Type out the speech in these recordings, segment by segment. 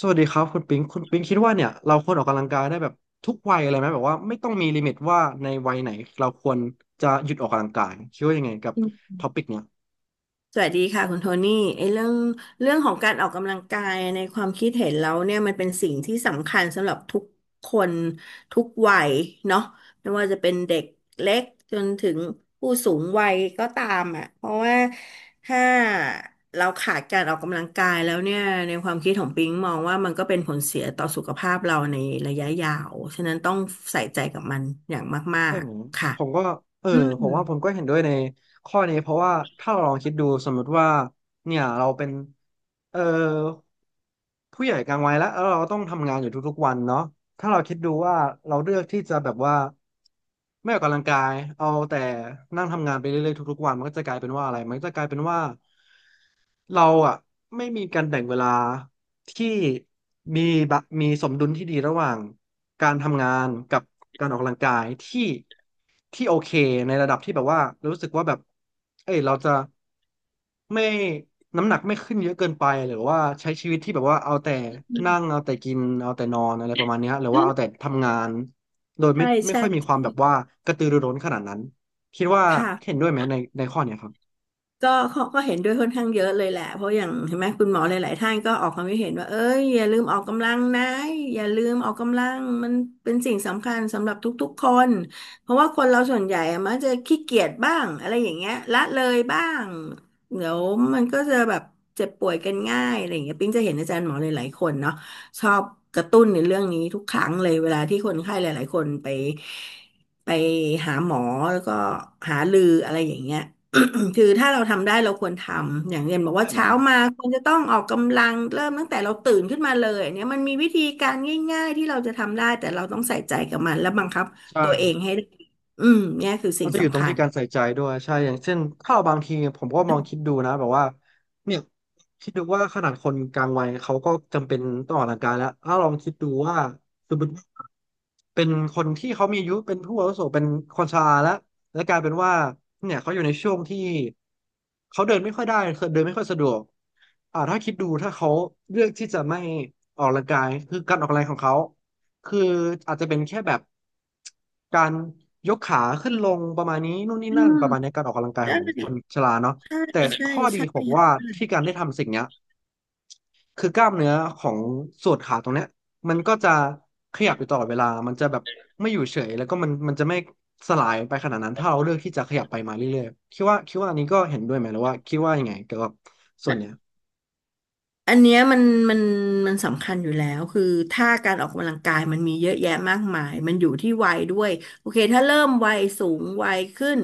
สวัสดีครับคุณปิงคุณปิงคิดว่าเนี่ยเราควรออกกำลังกายได้แบบทุกวัยอะไรไหมแบบว่าไม่ต้องมีลิมิตว่าในวัยไหนเราควรจะหยุดออกกำลังกายคิดว่ายังไงกับอืมท็อปิกเนี้ย สวัสดีค่ะคุณโทนี่ไอ้เรื่องเรื่องของการออกกำลังกายในความคิดเห็นเราเนี่ยมันเป็นสิ่งที่สำคัญสำหรับทุกคนทุกวัยเนาะไม่ว่าจะเป็นเด็กเล็กจนถึงผู้สูงวัยก็ตามอ่ะเพราะว่าถ้าเราขาดการออกกำลังกายแล้วเนี่ยในความคิดของปิงมองว่ามันก็เป็นผลเสียต่อสุขภาพเราในระยะยาวฉะนั้นต้องใส่ใจกับมันอย่างมาใช่กไหมๆค่ะผมก็เอออืมผมว่าผมก็เห็นด้วยในข้อนี้เพราะว่าถ้าเราลองคิดดูสมมติว่าเนี่ยเราเป็นเออผู้ใหญ่กลางวัยแล้วแล้วเราต้องทำงานอยู่ทุกๆวันเนาะถ้าเราคิดดูว่าเราเลือกที่จะแบบว่าไม่ออกกำลังกายเอาแต่นั่งทำงานไปเรื่อยๆทุกๆวันมันก็จะกลายเป็นว่าอะไรมันก็จะกลายเป็นว่า เราอ่ะไม่มีการแบ่งเวลาที่มีมีสมดุลที่ดีระหว่างการทำงานกับการออกกำลังกายที่ที่โอเคในระดับที่แบบว่ารู้สึกว่าแบบเอ้ยเราจะไม่น้ำหนักไม่ขึ้นเยอะเกินไปหรือว่าใช้ชีวิตที่แบบว่าเอาแต่นั่งเอาแต่กินเอาแต่นอนอะไรประมาณเนี้ยหรือว่าเอาแต่ทำงานโดยไม่ใช่ไม่ใช่ค่อยมีความแบบใช่ว่ากระตือรือร้นขนาดนั้นคิดว่าเห็ค่ะ นด้วยไหมในข้อเนี้ยครับก็เขาก็เห็นด้วยค่อนข้างเยอะเลยแหละเพราะอย่างเห็นไหมคุณหมอหลายๆท่านก็ออกความคิดเห็นว่าเอ้ยอย่าลืมออกกำลังนะอย่าลืมออกกำลังมันเป็นสิ่งสำคัญสำหรับทุกๆคนเพราะว่าคนเราส่วนใหญ่อะมักจะขี้เกียจบ้างอะไรอย่างเงี้ยละเลยบ้างเดี๋ยวมันก็จะแบบเจ็บป่วยกันง่ายอะไรอย่างเงี้ยปิ๊งจะเห็นอาจารย์หมอหลายๆคนเนาะชอบกระตุ้นในเรื่องนี้ทุกครั้งเลยเวลาที่คนไข้หลายๆคนไปหาหมอแล้วก็หารืออะไรอย่างเงี้ย คือถ้าเราทำได้เราควรทำอย่างเรียนบอกใช่ว่าไหมเช้ามาควรจะต้องออกกำลังเริ่มตั้งแต่เราตื่นขึ้นมาเลยอันเนี่ยมันมีวิธีการง่ายๆที่เราจะทำได้แต่เราต้องใส่ใจกับมันและบังคับตัวเอใช่ งให้ได้อืมเนี่ยคือก็สิ่งจะอยู่ตรสำงคัที่ญการใส่ใจด้วยใช่อย่างเช่นถ้าเราบางทีผมก็มองคิดดูนะแบบว่าเนี่ยคิดดูว่าขนาดคนกลางวัยเขาก็จำเป็นต้องออกกำลังกายแล้วถ้าลองคิดดูว่าสมมติเป็นคนที่เขามีอายุเป็นผู้อาวุโสเป็นคนชราแล้วและกลายเป็นว่าเนี่ยเขาอยู่ในช่วงที่เขาเดินไม่ค่อยได้คือเดินไม่ค่อยสะดวกถ้าคิดดูถ้าเขาเลือกที่จะไม่ออกกำลังกายคือการออกกำลังกายของเขา คืออาจจะเป็นแค่แบบการยกขาขึ้นลงประมาณนี้นู่นนี่อืนั่นมประมาณนี้การออกกำลังกายขได้องคนชราเนาะใช่แต่ใช่ข้อดีใช่ผมว่าค่ะ ที่การได้ทำสิ่งเนี้ยคือกล้ามเนื้อของส่วนขาตรงเนี้ยมันก็จะขยับอยู่ตลอดเวลามันจะแบบไม่อยู่เฉยแล้วก็มันจะไม่สลายไปขนาดนั้นถ้าเราเลือกที่จะขยับไปมาเรื่อยๆคิดว่าอันนี้ก็เห็นด้วยไหมหรือว่าคิดว่ายังไงเกี่ยวกับส่วนเนี้ยอันเนี้ยมันมันสำคัญอยู่แล้วคือถ้าการออกกำลังกายมันมีเยอะแยะมากมายมันอยู่ที่วัยด้วยโอเคถ้าเริ่มวัยสูงวัยขึ้น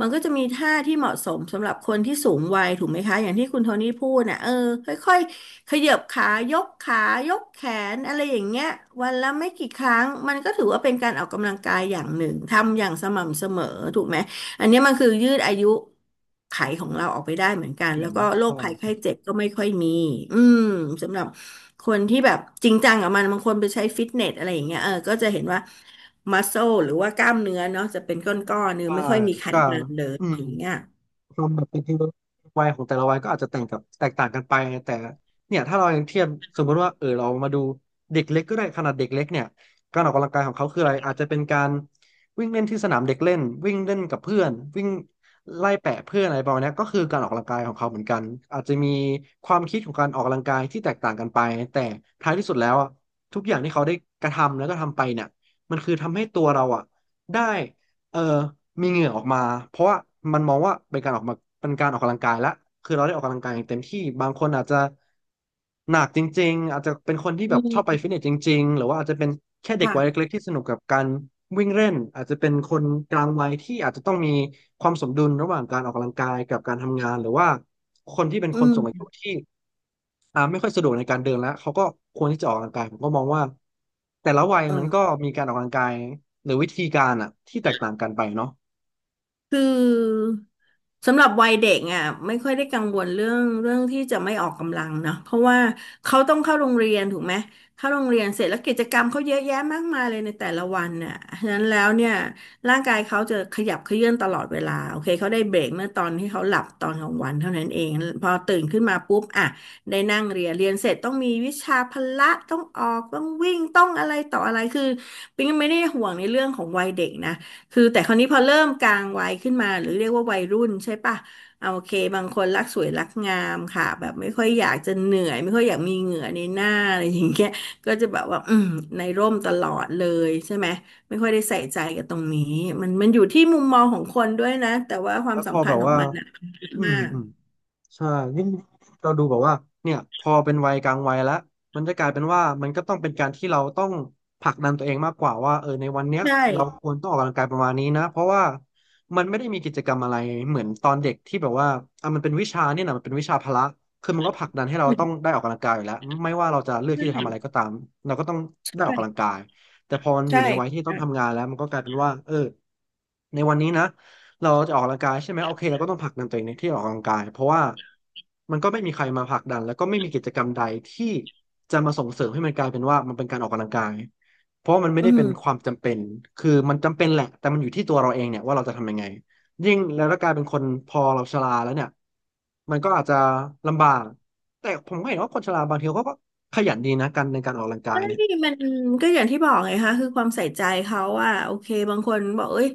มันก็จะมีท่าที่เหมาะสมสำหรับคนที่สูงวัยถูกไหมคะอย่างที่คุณโทนี่พูดน่ะเออค่อยๆขยับขายกขายกแขนอะไรอย่างเงี้ยวันละไม่กี่ครั้งมันก็ถือว่าเป็นการออกกำลังกายอย่างหนึ่งทำอย่างสม่ำเสมอถูกไหม อันเนี้ยมันคือยืดอายุไขยของเราออกไปได้เหมือนกัไม่นเหมืแล้อวนก็โรใคภัยไข้ช่เจ็บก็ไม่ค่อยมีอืมสำหรับคนที่แบบจริงจังกับมันบางคนไปใช้ฟิตเนสอะไรอย่างเงี้ยเออก็จะเห็นว่ามัสโซหรือว่ากล้ามเนื้อเนาะจะเป็นก้อนๆเนื้อใช่ไม่ค่อยมีไขก็มันเลยอืม อย่างเงี้ยความแบบเป็นวัยของแต่ละวัยก็อาจจะแตกต่างกันไปแต่เนี่ยถ้าเรายังเทียบสมมติว่าเรามาดูเด็กเล็กก็ได้ขนาดเด็กเล็กเนี่ยการออกกำลังกายของเขาคืออะไรอาจจะเป็นการวิ่งเล่นที่สนามเด็กเล่นวิ่งเล่นกับเพื่อนวิ่งไล่แปะเพื่อนอะไรประมาณเนี้ยก็คือการออกกำลังกายของเขาเหมือนกันอาจจะมีความคิดของการออกกำลังกายที่แตกต่างกันไปแต่ท้ายที่สุดแล้วอะทุกอย่างที่เขาได้กระทำแล้วก็ทำไปเนี่ยมันคือทำให้ตัวเราอะได้ เออมีเหงื่อออกมาเพราะว่ามันมองว่าเป็นการออกกำลังกายละคือเราได้ออกกำลังกายอย่างเต็มที่บางคนอาจจะหนักจริงๆอาจจะเป็นคนที่อืแบบชอบไปฟิตเนมสจริงๆหรือว่าอาจจะเป็นแค่เด็กวัยค่ะเล็กๆที่สนุกกับการวิ่งเล่นอาจจะเป็นคนกลางวัยที่อาจจะต้องมีความสมดุลระหว่างการออกกำลังกายกับการทำงานหรือว่าคนที่เป็นอืคนสูงอายุมที่ ไม่ค่อยสะดวกในการเดินแล้วเขาก็ควรที่จะออกกำลังกายผมก็มองว่าแต่ละวัยเอมันอ ก็มีการออกกำลังกายหรือวิธีการอ่ะที่แตกต่างกันไปเนาะคือสำหรับวัยเด็กอ่ะไม่ค่อยได้กังวลเรื่องที่จะไม่ออกกำลังเนาะเพราะว่าเขาต้องเข้าโรงเรียนถูกไหมเข้าโรงเรียนเสร็จแล้วกิจกรรมเขาเยอะแยะมากมายเลยในแต่ละวันน่ะฉะนั้นแล้วเนี่ยร่างกายเขาจะขยับเขยื้อนตลอดเวลาโอเคเขาได้เบรกเมื่อตอนที่เขาหลับตอนกลางวันเท่านั้นเองพอตื่นขึ้นมาปุ๊บอ่ะได้นั่งเรียนเรียนเสร็จต้องมีวิชาพละต้องออกต้องวิ่งต้องอะไรต่ออะไรคือปิ๊งไม่ได้ห่วงในเรื่องของวัยเด็กนะ คือแต่คราวนี้พอเริ่มกลางวัยขึ้นมาหรือเรียกว่าวัยรุ่นใช่ปะเอาโอเคบางคนรักสวยรักงามค่ะแบบไม่ค่อยอยากจะเหนื่อยไม่ค่อยอยากมีเหงื่อในหน้าอะไรอย่างเงี้ยก็จะแบบว่าในร่มตลอดเลยใช่ไหมไม่ค่อยได้ใส่ใจกับตรงนี้มันอยู่ที่มุมมองของคนด้วยนะแต่ว่าควาแล้มวพอสำคัแบญบของว่ามันน่ะอืมมากอืม ใช่ยิ่งเราดูแบบว่าเนี่ยพอเป็นวัยกลางวัยแล้วมันจะกลายเป็นว่ามันก็ต้องเป็นการที่เราต้องผลักดันตัวเองมากกว่าว่าในวันเนี้ยใช่เราควรต้องออกกำลังกายประมาณนี้นะเพราะว่ามันไม่ได้มีกิจกรรมอะไรเหมือนตอนเด็กที่แบบว่าอ่ะมันเป็นวิชาเนี่ยนะมันเป็นวิชาพละคือมันก็ผลักดันให้เราต้องได้ใออกกำลังกายอยู่แล้วไม่ว่าเราจะเลือกที่จะทำอะไรช่ก็ตามเราก็ต้องใชได้ออกกำลัง่กายแต่พอมันอยู่ใช่ในวัยที่ต้องทำงานแล้วมันก็กลายเป็นว่าเออในวันนี้นะ เราจะออกกำลังกายใช่ไหมโอเคเราก็ต้องผลักดันตัวเองในที่ออกกำลังกายเพราะว่ามันก็ไม่มีใครมาผลักดันแล้วก็ไม่มีกิจกรรมใดที่จะมาส่งเสริมให้มันกลายเป็นว่ามันเป็นการออกกำลังกายเพราะว่ามันไม่อืได้เป็นความ มจำเป็นคือมันจำเป็นแหละแต่มันอยู่ที่ตัวเราเองเนี่ยว่าเราจะทำยังไงยิ่งแล้วถ้ากลายเป็นคนพอเราชราแล้วเนี่ยมันก็อาจจะลำบากแต่ผมก็เห็นว่าคนชราบางทีเขาก็ขยันดีนะกันในการออกกำลังกายใช่เนี่ยมันก็อย่างที่บอกไงคะคือความใส่ใจเขาว่าโอเคบางคนบอกเอ้ย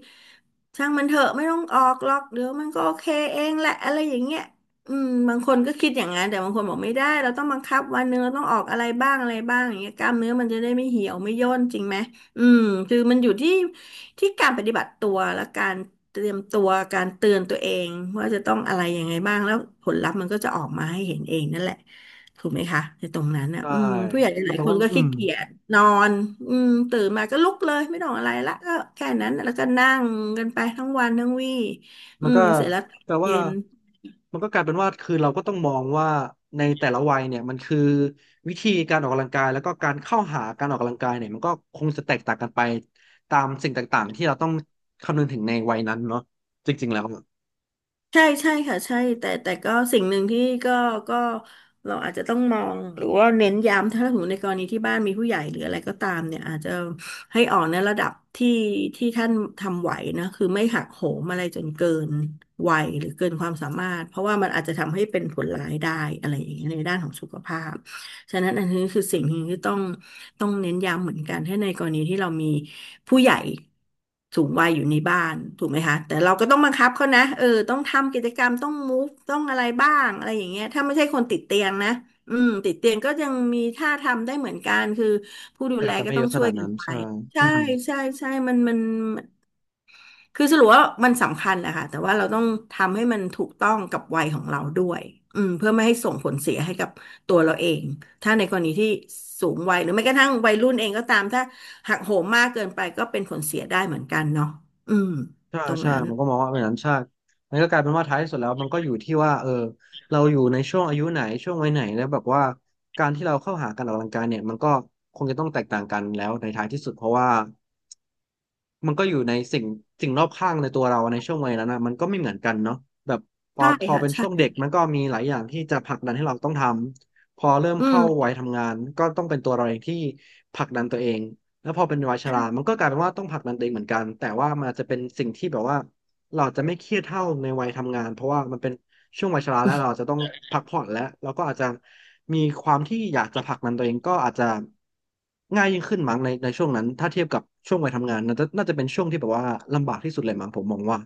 ช่างมันเถอะไม่ต้องออกหรอกเดี๋ยวมันก็โอเคเองแหละอะไรอย่างเงี้ยอืมบางคนก็คิดอย่างนั้นแต่บางคนบอกไม่ได้เราต้องบังคับวันหนึงเราต้องออกอะไรบ้างอะไรบ้างอย่างเงี้ยกล้ามเนื้อมันจะได้ไม่เหี่ยวไม่ย่นจริงไหมอืมคือมันอยู่ที่การปฏิบัติตัวและการเตรียมตัวการเตือนตัวเองว่าจะต้องอะไรยังไงบ้างแล้วผลลัพธ์มันก็จะออกมาให้เห็นเองนั่นแหละ ถูกไหมคะในตรงนั้นอ่ะได้อืมผู้ใหญ่หก็ลาแปยลคว่านก็อืขี้ม เกียจนอนอืมตื่นมาก็ลุกเลยไม่ต้องอะไรละก็แค่นั้นแล้วก็นั่งกันไปทั้งวันทั้งวี่อืมันมก็เสร็จแล้วตอนแต่ว่าเย็น มันก็กลายเป็นว่าคือเราก็ต้องมองว่าในแต่ละวัยเนี่ยมันคือวิธีการออกกำลังกายแล้วก็การเข้าหาการออกกำลังกายเนี่ยมันก็คงจะแตกต่างกันไปตามสิ่งต่างๆที่เราต้องคำนึงถึงในวัยนั้นเนาะจริงๆแล้วอะใช่ใช่ค่ะใช่แต่ก็สิ่งหนึ่งที่ก็ก็เราอาจจะต้องมองหรือว่าเน้นย้ำถ้าสมมติในกรณีที่บ้านมีผู้ใหญ่หรืออะไรก็ตามเนี่ยอาจจะให้ออกในระดับที่ท่านทำไหวนะคือไม่หักโหมอะไรจนเกินวัยหรือเกินความสามารถเพราะว่ามันอาจจะทำให้เป็นผลร้ายได้อะไรอย่างเงี้ยในด้านของสุขภาพ ฉะนั้นอันนี้คือสิ่งหนึ่งที่ต้องเน้นย้ำเหมือนกันถ้าในกรณีที่เรามีผู้ใหญ่สูงวัยอยู่ในบ้านถูกไหมคะแต่เราก็ต้องบังคับเขานะเออต้องทำกิจกรรมต้องมูฟต้องอะไรบ้างอะไรอย่างเงี้ยถ้าไม่ใช่คนติดเตียงนะอืมติดเตียงก็ยังมีท่าทำได้เหมือนกันคือผู้ดูแต่แลอาจจะก็ไม่เยต้องอะขช่วนายดกันั้นนไปใช่อืใช่มใช่ใช่มัน คือสรุปว่ามันสำคัญแหละค่ะแต่ว่าเราต้องทำให้มันถูกต้องกับวัยของเราด้วยอืมเพื่อไม่ให้ส่งผลเสียให้กับตัวเราเองถ้าในกรณีที่สูงวัยหรือแม้กระทั่งวัยรุ่นเองก็ตามถ้าหักโหมมากเกินไปก็เป็นผลเสียได้เหมือนกันเนาะอืมใช่ตรงใช่นั้นมันก็มองว่าเป็นนั้นใช่มันก็กลายเป็นว่าท้ายที่สุดแล้วมันก็อยู่ที่ว่าเราอยู่ในช่วงอายุไหนช่วงวัยไหนแล้วแบบว่าการที่เราเข้าหาการออกกำลังกายเนี่ยมันก็คงจะต้องแตกต่างกันแล้วในท้ายที่สุดเพราะว่า มันก็อยู่ในสิ่งรอบข้างในตัวเราในช่วงวัยนั้นนะมันก็ไม่เหมือนกันเนาะแบบพอใช่ทอค่ะเป็นใช่ช่วงเด็กมันก็มีหลายอย่างที่จะผลักดันให้เราต้องทำพอเริ่มอืม เข้าวัยทำงานก็ต้องเป็นตัวเราเองที่ผลักดันตัวเองแล้วพอเป็นวัยชรามันก็กลายเป็นว่าต้องผลักดันตัวเองเหมือนกันแต่ว่ามันอาจจะเป็นสิ่งที่แบบว่าเราจะไม่เครียดเท่าในวัยทำงานเพราะว่ามันเป็น ช่วงวัยชราแล้วเราอาจจะต้องพักผ่อนแล้วเราก็อาจจะมีความที่อยากจะผลักดันตัวเองก็อาจจะง่ายยิ่งขึ้นมั้งในช่วงนั้นถ้าเทียบกับช่วงวัยทำงานน่าจะเป็นช่วงที่แบบว่าลำบากที่สุดเลยมั้งผมมองว่า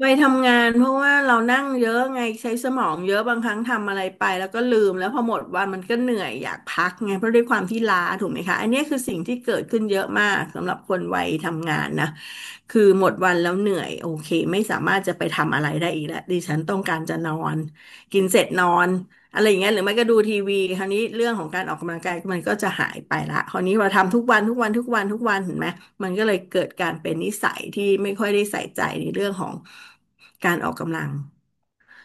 ไปทำงานเพราะว่าเรานั่งเยอะไงใช้สมองเยอะบางครั้งทำอะไรไปแล้วก็ลืมแล้วพอหมดวันมันก็เหนื่อยอยากพักไงเพราะด้วยความที่ล้าถูกไหมคะอันเนี้ยคือสิ่งที่เกิดขึ้นเยอะมากสำหรับคนวัยทำงานนะคือหมดวันแล้วเหนื่อยโอเคไม่สามารถจะไปทำอะไรได้อีกแล้วดิฉันต้องการจะนอนกินเสร็จนอน อะไรอย่างเงี้ยหรือไม่ก็ดูทีวีคราวนี้เรื่องของการออกกำลังกายมันก็จะหายไปละคราวนี้เราทำทุกวันทุกวันทุกวันทุกวันเห็นไหมมันก็เลยเกิดการเป็นนิสัยที่ไม่ค่อยได้ใส่ใจในเรื่องของการออกกำลัง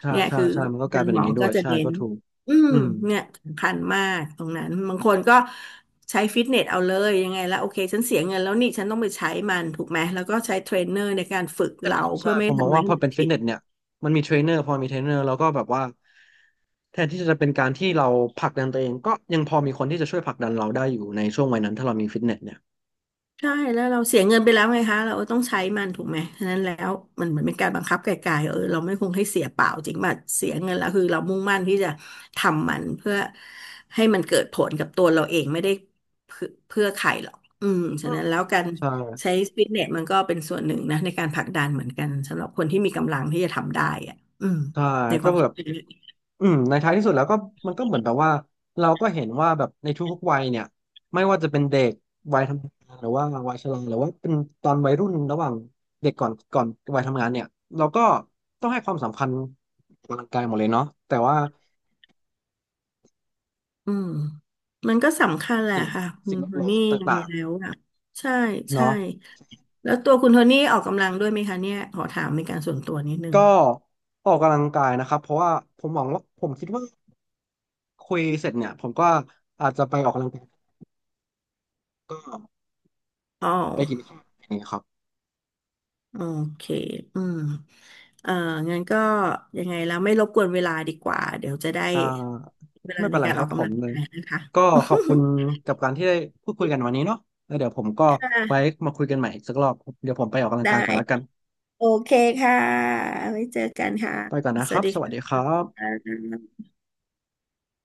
ใช่เนี่ยใช่คือใช่มันก็อากลาจายรเป็นย์อหมย่างอนี้ด้ก็วยจะใช่เน้ก็นถูกอืมอืมเนี่ยสำคัญมากตรงนั้นบางคนก็ใช้ฟิตเนสเอาเลยยังไงแล้วโอเคฉันเสียเงินแล้วนี่ฉันต้องไปใช้มันถูกไหมแล้วก็ใช้เทรนเนอร์ในการฝึกใช่ไหมเราครับใช่เพื่อไม่ผให้มมอทำงอะไรว่าให้พอมันเป็นฟิผิตด เนสเนี่ยมันมีเทรนเนอร์พอมีเทรนเนอร์แล้วก็แบบว่าแทนที่จะเป็นการที่เราผลักดันตัวเองก็ยังพอมีคนที่จะช่วยผลักดันเราได้อยู่ในช่วงวัยนั้นถ้าเรามีฟิตเนสเนี่ยใช่แล้วเราเสียเงินไปแล้วไงคะเราต้องใช้มันถูกไหมฉะนั้นแล้วมันเหมือนเป็นการบังคับไกลๆเออเราไม่คงให้เสียเปล่าจริงป่ะเสียเงินแล้วคือเรามุ่งมั่นที่จะทำมันเพื่อให้มันเกิดผลกับตัวเราเองไม่ได้เพื่อใครหรอกอืมฉะนั้นแล้วการใช่ ใช้ฟิตเนสมันก็เป็นส่วนหนึ่งนะในการผลักดันเหมือนกันสำหรับคนที่มีกำลังที่จะทำได้อ่ะอืมใช่ในคก็วามแบคิดบเห็นอืมในท้ายที่สุดแล้วก็มันก็เหมือนแบบว่าเราก็เห็นว่าแบบในทุกๆวัยเนี่ยไม่ว่าจะเป็นเด็กวัยทำงานหรือว่าวัยชราหรือว่าเป็นตอนวัยรุ่นระหว่างเด็กก่อนวัยทำงานเนี่ยเราก็ต้องให้ความสำคัญกับร่างกายหมดเลยเนาะแต่ว่าอืมมันก็สำคัญแหละสิ่งค่ะคุสิ่ณงแวโทดล้อมนี่ยังไงต่างแล้วอ่ะใช่ๆใช่ เนาะแล้วตัวคุณโทนี่ออกกำลังด้วยไหมคะเนี่ยขอถามเป็นการส่วนตัวนิดนึงก็ออกกำลังกายนะครับเพราะว่าผมหวังว่าผมคิดว่าคุยเสร็จเนี่ยผมก็อาจจะไปออกกำลังกายก็อ๋อไปกินข้าวอย่างเงี้ยครับ โอเคอืมเอ่องั้นก็ยังไงแล้วไม่รบกวนเวลาดีกว่าเดี๋ยวจะได้อ่าเวลาไม่เป็ในนไรการคออรับกผกำลัมงเลยกายนะคะ ก็ขอบคุณ กับการที่ได้พูดคุยกันวันนี้เนาะแล้วเดี๋ยวผมก็คไว้่ะมาคุยกันใหม่อีกสักรอบเดี๋ยวผมไปออกกำลังได้กายก่อนแล้วกันโอเคค่ะไว้เจอกันค่ะ ไปก่อนนะสควัรัสบดีสวัสค่ดีครับะ